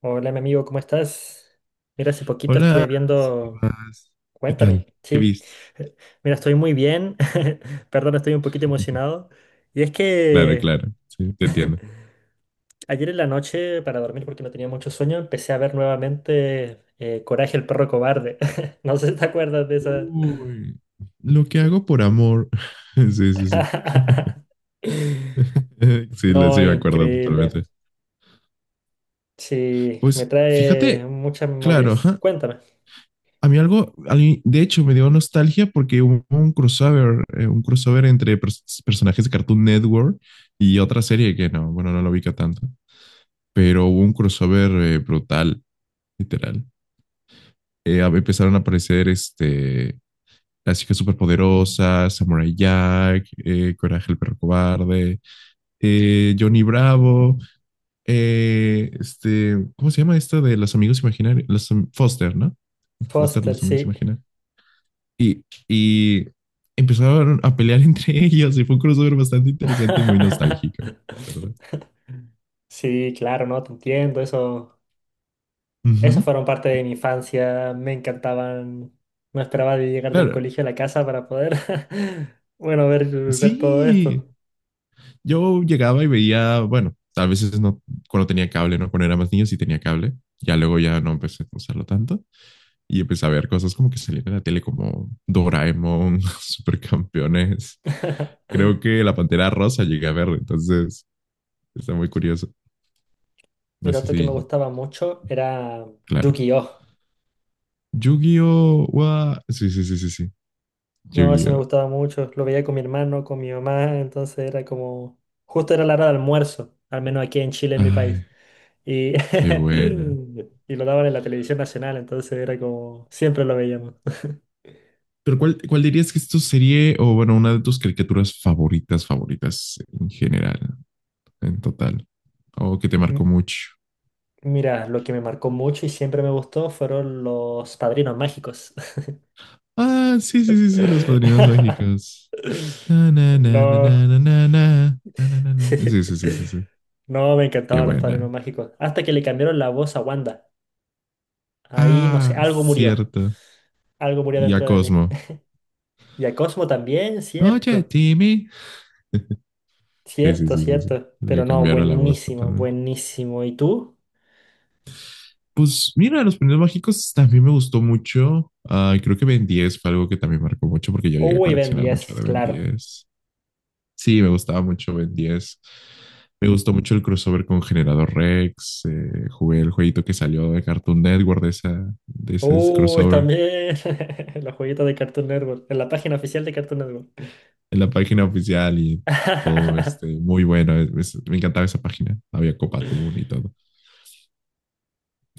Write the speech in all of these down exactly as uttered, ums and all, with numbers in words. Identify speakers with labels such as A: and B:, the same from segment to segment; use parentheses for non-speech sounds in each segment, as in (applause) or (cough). A: Hola, mi amigo, ¿cómo estás? Mira, hace poquito estuve
B: Hola, ¿qué
A: viendo...
B: más? ¿Qué
A: Cuéntame,
B: tal? ¿Qué
A: sí.
B: viste?
A: (laughs) Mira, estoy muy bien. (laughs) Perdón, estoy un poquito emocionado. Y es
B: Claro,
A: que
B: claro, sí, te
A: (laughs)
B: entiendo.
A: ayer en la noche, para dormir porque no tenía mucho sueño, empecé a ver nuevamente eh, Coraje el perro cobarde. (laughs) No sé si te acuerdas de esa. (laughs)
B: Uy, lo que hago por amor. (laughs) Sí, sí, sí. (laughs) Sí, lo- sí,
A: No,
B: me acuerdo
A: increíble.
B: totalmente.
A: Sí, me
B: Pues
A: trae
B: fíjate,
A: muchas
B: claro,
A: memorias.
B: ajá.
A: Cuéntame.
B: A mí algo, a mí, de hecho, me dio nostalgia porque hubo un crossover, eh, un crossover entre pers- personajes de Cartoon Network y otra serie que no, bueno, no lo ubica tanto, pero hubo un crossover eh, brutal, literal. Eh, a- empezaron a aparecer este, Las Chicas Superpoderosas, Samurai Jack, eh, Coraje el Perro Cobarde, eh, Johnny Bravo, eh, este, ¿cómo se llama esta de los amigos imaginarios? Los, Foster, ¿no? Foster,
A: Foster,
B: los amigos
A: sí.
B: imaginarios. Y, y empezaron a pelear (laughs) entre ellos y fue un crossover bastante interesante y muy nostálgico, la verdad.
A: (laughs) Sí, claro, no, te entiendo. Eso,
B: Uh
A: eso
B: -huh.
A: fueron parte de mi infancia. Me encantaban. No esperaba de llegar del
B: Claro,
A: colegio a la casa para poder, (laughs) bueno, ver, ver todo
B: sí,
A: esto.
B: yo llegaba y veía, bueno, a veces no, cuando tenía cable, ¿no? Cuando era más niño sí tenía cable, ya luego ya no empecé a usarlo tanto, y empecé a ver cosas como que salían en la tele como Doraemon, (laughs) Supercampeones.
A: (laughs)
B: Creo que La Pantera Rosa llegué a ver, entonces está muy curioso. No
A: Mira,
B: sé
A: otro que
B: si,
A: me gustaba mucho era
B: claro.
A: Yu-Gi-Oh!
B: ¡Yu-Gi-Oh! Wa- Sí, sí, sí, sí, sí.
A: No, ese me
B: ¡Yu-Gi-Oh!
A: gustaba mucho. Lo veía con mi hermano, con mi mamá. Entonces era como, justo era la hora de almuerzo, al menos aquí en Chile, en mi país.
B: Ay,
A: Y,
B: qué buena.
A: (laughs) y lo daban en la televisión nacional, entonces era como, siempre lo veíamos.
B: Pero ¿cuál, cuál dirías que es tu serie o, bueno, una de tus caricaturas favoritas, favoritas en general, en total? O que te marcó
A: (laughs)
B: mucho.
A: Mira, lo que me marcó mucho y siempre me gustó fueron los padrinos mágicos.
B: Ah, sí, sí, sí, sí, Los Padrinos
A: (laughs)
B: Mágicos. Na, na, na, na,
A: No.
B: na, na, na, na, na, na, na, sí, sí, sí, sí,
A: (laughs)
B: sí.
A: No, me
B: Qué
A: encantaban los padrinos
B: buena.
A: mágicos. Hasta que le cambiaron la voz a Wanda. Ahí, no sé,
B: Ah,
A: algo murió.
B: cierto.
A: Algo murió
B: Y a
A: dentro de mí.
B: Cosmo.
A: (laughs) Y a Cosmo también,
B: Oye,
A: cierto.
B: Timmy. Sí, sí,
A: Cierto,
B: sí, sí, sí.
A: cierto. Pero
B: Le
A: no,
B: cambiaron la voz
A: buenísimo,
B: totalmente.
A: buenísimo. ¿Y tú?
B: Pues mira, los primeros mágicos también me gustó mucho. Ah, creo que Ben diez fue algo que también marcó mucho porque yo llegué a
A: Uy, Ben
B: coleccionar mucho
A: diez,
B: de Ben
A: claro.
B: diez. Sí, me gustaba mucho Ben diez. Me gustó mucho el crossover con Generador Rex. Eh, jugué el jueguito que salió de Cartoon Network de, esa, de ese
A: Uy,
B: crossover
A: también. (laughs) Los jueguitos de Cartoon Network. En la página oficial de Cartoon Network.
B: en la página oficial y todo este,
A: (laughs)
B: muy bueno. Es- es- me encantaba esa página. Había Copa Tour y todo.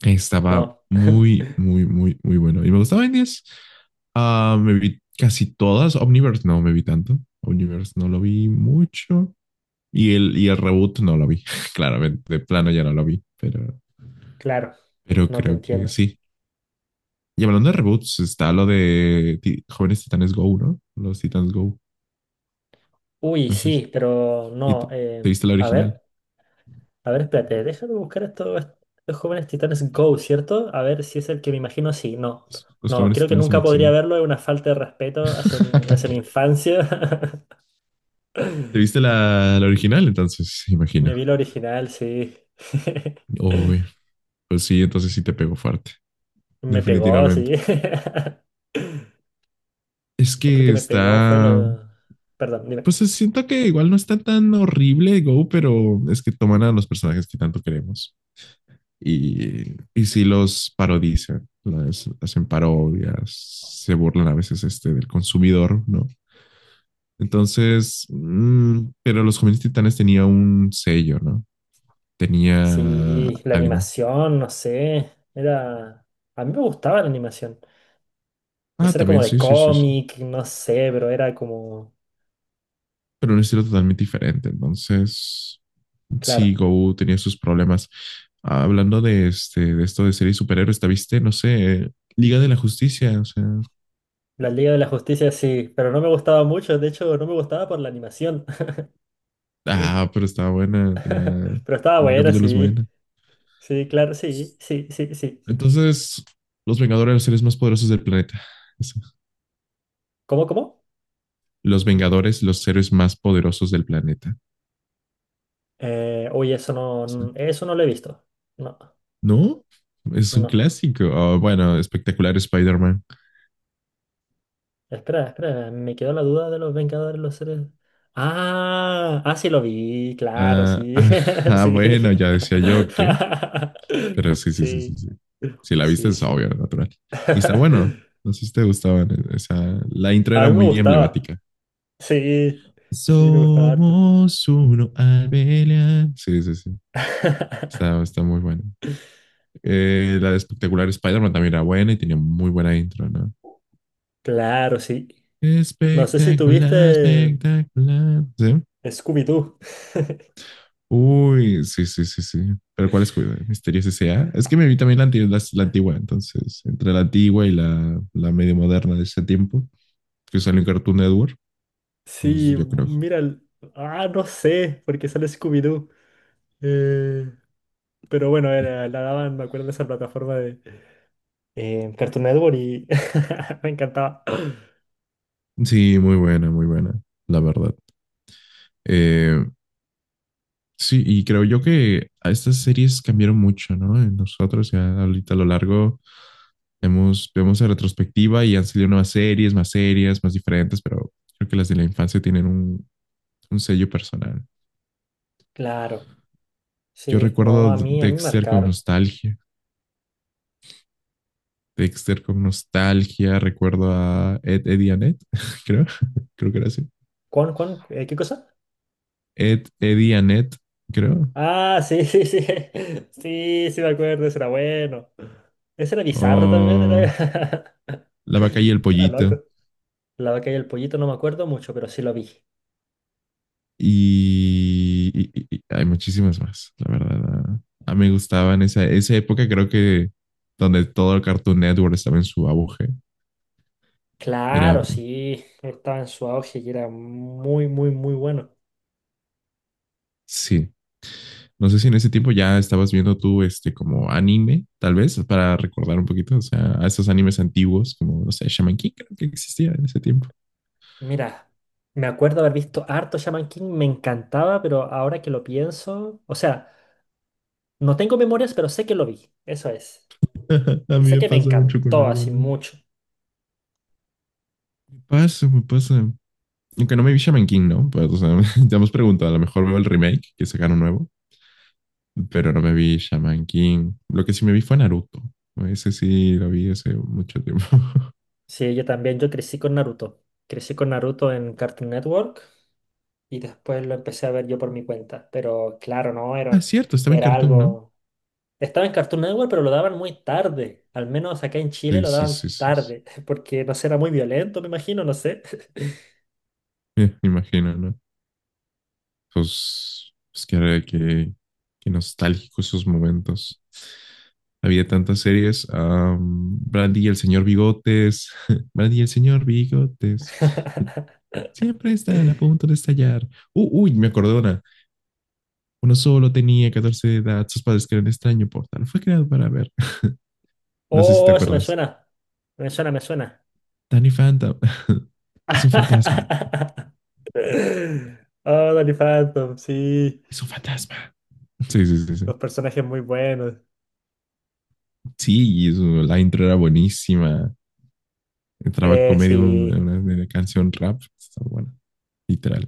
B: Estaba
A: No.
B: muy, muy, muy, muy bueno. Y me gustaba Indies. Ah, me vi casi todas. Omniverse no me vi tanto. Omniverse no lo vi mucho. Y el, y el reboot no lo vi. (laughs) Claramente, de plano ya no lo vi. Pero,
A: Claro,
B: pero
A: no te
B: creo que
A: entiendo.
B: sí. Y hablando de reboots, está lo de Ti- Jóvenes Titanes Go, ¿no? Los Titans Go.
A: Uy,
B: Entonces,
A: sí, pero
B: ¿y te,
A: no.
B: te
A: Eh,
B: viste la
A: a
B: original?
A: ver, a ver, espérate, déjame buscar esto, estos jóvenes titanes Go, ¿cierto? A ver si es el que me imagino, sí, no.
B: Los, los
A: No,
B: Jóvenes
A: creo que
B: Titanes en
A: nunca podría
B: Acción.
A: verlo, es una falta de respeto hacia mi, hacia mi
B: (laughs)
A: infancia.
B: ¿Te
A: (laughs)
B: viste la, la original entonces?
A: Me
B: Imagino.
A: vi el original, sí. (laughs)
B: Uy, pues sí, entonces sí te pegó fuerte.
A: Me pegó, sí.
B: Definitivamente.
A: (laughs)
B: Es
A: Otro
B: que
A: que me pegó fue
B: está...
A: lo... Perdón, dime.
B: Pues siento que igual no está tan horrible Go, pero es que toman a los personajes que tanto queremos y, y sí los parodizan, las, hacen parodias, se burlan a veces este, del consumidor, ¿no? Entonces, mmm, pero los jóvenes titanes tenía un sello, ¿no? Tenía
A: Sí, la
B: algo.
A: animación, no sé. Era... A mí me gustaba la animación. No
B: Ah,
A: sé, era como
B: también,
A: de
B: sí, sí, sí, sí,
A: cómic, no sé, pero era como,
B: pero un estilo totalmente diferente. Entonces, sí,
A: claro,
B: Go tenía sus problemas. Ah, hablando de, este, de esto de series superhéroes, ¿te viste? No sé, Liga de la Justicia, o sea,
A: la Liga de la Justicia sí, pero no me gustaba mucho, de hecho no me gustaba por la animación,
B: ah, pero estaba buena, tenía,
A: (laughs) pero estaba
B: tenía
A: buena,
B: capítulos
A: sí,
B: buenos.
A: sí, claro, sí, sí, sí, sí.
B: Entonces, los Vengadores, los seres más poderosos del planeta. Eso.
A: ¿Cómo, cómo?
B: Los Vengadores, los seres más poderosos del planeta.
A: Eh, uy, eso no,
B: Eso.
A: n- eso no lo he visto. No,
B: ¿No? Es un
A: no.
B: clásico. Oh, bueno, espectacular Spider-Man.
A: Espera, espera, me quedó la duda de los Vengadores, los seres. Ah, ah, sí lo vi, claro,
B: Ah, (laughs)
A: sí,
B: ah,
A: (laughs)
B: ah,
A: sí.
B: bueno, ya
A: (laughs)
B: decía yo que... Pero sí, sí, sí, sí,
A: Sí,
B: sí. Si la viste
A: sí,
B: es
A: sí.
B: obvio, natural. Y está
A: (laughs)
B: bueno. No sé si te gustaban. Esa... La intro
A: A
B: era
A: mí me
B: muy
A: gustaba.
B: emblemática.
A: Sí, sí, me gustaba harto.
B: Somos uno al pelear. Sí, sí, sí.
A: (laughs)
B: Está, está muy bueno. Eh, la de espectacular Spider-Man también era buena y tenía muy buena intro, ¿no?
A: Claro, sí. No sé si
B: Espectacular,
A: tuviste
B: espectacular. ¿Sí?
A: Scooby-Doo. (laughs)
B: Uy, sí, sí, sí, sí. Pero ¿cuál es Misterios ese a? Es que me vi también la, anti- las- la antigua, entonces, entre la antigua y la, la medio moderna de ese tiempo, que salió en Cartoon Network, pues
A: Sí,
B: yo creo.
A: mira, el- ah, no sé, porque sale Scooby-Doo. Eh, pero bueno, era, la daban, me acuerdo de esa plataforma de eh, Cartoon Network y (laughs) me encantaba. (clears throat)
B: Sí, muy buena, muy buena, la verdad. Eh, sí, y creo yo que a estas series cambiaron mucho, ¿no? Eh, nosotros ya ahorita a lo largo hemos, vemos la retrospectiva y han salido nuevas series, más series, más diferentes, pero creo que las de la infancia tienen un, un sello personal.
A: Claro,
B: Yo
A: sí, no,
B: recuerdo
A: a mí, a mí me
B: Dexter con
A: marcaron.
B: nostalgia. Dexter con nostalgia. Recuerdo a Ed, Eddie y Annette, (laughs) creo. (laughs) Creo que era así.
A: ¿Cuán, cuán, eh, qué cosa?
B: Ed, Eddie y Annette, creo.
A: Ah, sí, sí, sí. (laughs) Sí, sí, me acuerdo, ese era bueno. Ese era
B: O
A: bizarro también, era, (laughs)
B: La vaca y el
A: era
B: pollito.
A: loco. La vaca y el pollito no me acuerdo mucho, pero sí lo vi.
B: Y, y- y- hay muchísimas más, la verdad. A, a mí me gustaban esa, esa época, creo que donde todo el Cartoon Network estaba en su auge. Era,
A: Claro, sí, estaba en su auge y era muy, muy, muy bueno.
B: sí. No sé si en ese tiempo ya estabas viendo tú este como anime, tal vez, para recordar un poquito, o sea, a esos animes antiguos, como, no sé, Shaman King creo que existía en ese tiempo.
A: Mira, me acuerdo haber visto harto Shaman King, me encantaba, pero ahora que lo pienso, o sea, no tengo memorias, pero sé que lo vi, eso es.
B: (laughs) A
A: Y
B: mí
A: sé
B: me
A: que me
B: pasa mucho con
A: encantó
B: algo,
A: así
B: ¿no? Me
A: mucho.
B: pasa, me pasa. Aunque no me vi Shaman King, ¿no? Pues, o sea, (laughs) ya hemos preguntado, a lo mejor veo el remake que sacaron nuevo, pero no me vi Shaman King. Lo que sí me vi fue Naruto. Ese sí lo vi hace mucho tiempo. (laughs)
A: Sí, yo también, yo crecí con Naruto. Crecí con Naruto en Cartoon Network y después lo empecé a ver yo por mi cuenta. Pero claro, no,
B: Ah,
A: era,
B: es cierto, estaba en
A: era
B: Cartoon, ¿no?
A: algo... Estaba en Cartoon Network, pero lo daban muy tarde. Al menos acá en Chile
B: Sí,
A: lo
B: sí,
A: daban
B: sí, sí, sí.
A: tarde, (laughs) porque no sé, era muy violento, me imagino, no sé.
B: Eh, Me (laughs) imagino, ¿no? Pues, pues que, que, que nostálgico esos momentos. Había tantas series. Um, Brandy y el señor Bigotes. (laughs) Brandy y el señor Bigotes.
A: (laughs)
B: Siempre están a punto de estallar. Uh, uy, me acordé de una. Uno solo tenía catorce de edad, sus padres crean extraño portal. Fue creado para ver. No sé si te
A: Oh, eso me
B: acuerdas.
A: suena. Me suena, me suena.
B: Danny Phantom. (laughs) Es un fantasma.
A: (laughs) Oh, Danny Phantom, sí.
B: Es un fantasma. Sí, sí, sí, sí.
A: Los personajes muy buenos.
B: Sí, y eso, la intro era buenísima. Entraba
A: Eh,
B: con medio de
A: sí.
B: una, una canción rap. Está buena, literal.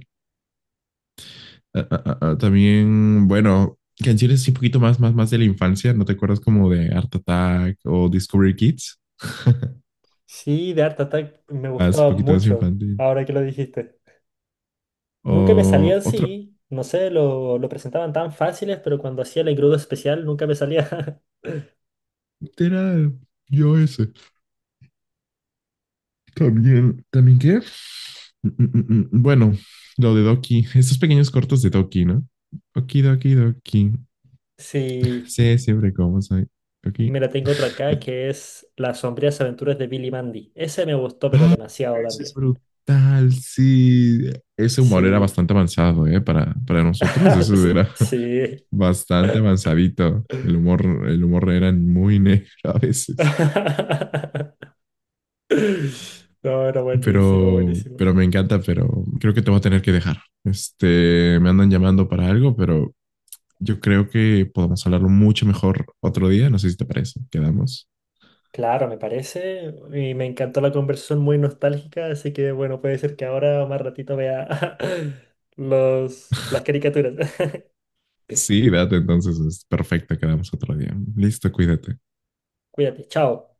B: Ah, ah, ah, ah, también, bueno, canciones así un poquito más, más, más de la infancia. ¿No te acuerdas como de Art Attack o Discovery Kids? (laughs)
A: Sí, de Art Attack me
B: Más, un
A: gustaba
B: poquito más
A: mucho,
B: infantil.
A: ahora que lo dijiste. Nunca me
B: O
A: salían,
B: otro,
A: sí, no sé, lo, lo presentaban tan fáciles, pero cuando hacía el engrudo especial nunca me salía. (laughs)
B: era yo ese. También, ¿también qué? Mm, mm, mm, mm. Bueno, lo de Doki, estos pequeños cortos de Doki, ¿no? Doki, Doki, Doki.
A: Sí,
B: Sí, siempre como soy. Doki.
A: mira, tengo otro acá que es Las sombrías aventuras de Billy Mandy. Ese me gustó, pero demasiado
B: Eso es
A: también.
B: brutal, sí. Ese humor era
A: Sí.
B: bastante avanzado, ¿eh? Para, para nosotros, eso era
A: (laughs) Sí.
B: (laughs) bastante avanzadito. El humor, el humor era muy negro a veces.
A: (laughs) No, era buenísimo,
B: Pero,
A: buenísimo.
B: pero me encanta, pero creo que te voy a tener que dejar. Este, me andan llamando para algo, pero yo creo que podemos hablarlo mucho mejor otro día. No sé si te parece. Quedamos.
A: Claro, me parece. Y me encantó la conversación muy nostálgica, así que bueno, puede ser que ahora o más ratito vea (laughs) los, las caricaturas. (laughs)
B: Sí, date entonces. Es perfecto. Quedamos otro día. Listo, cuídate.
A: Cuídate, chao.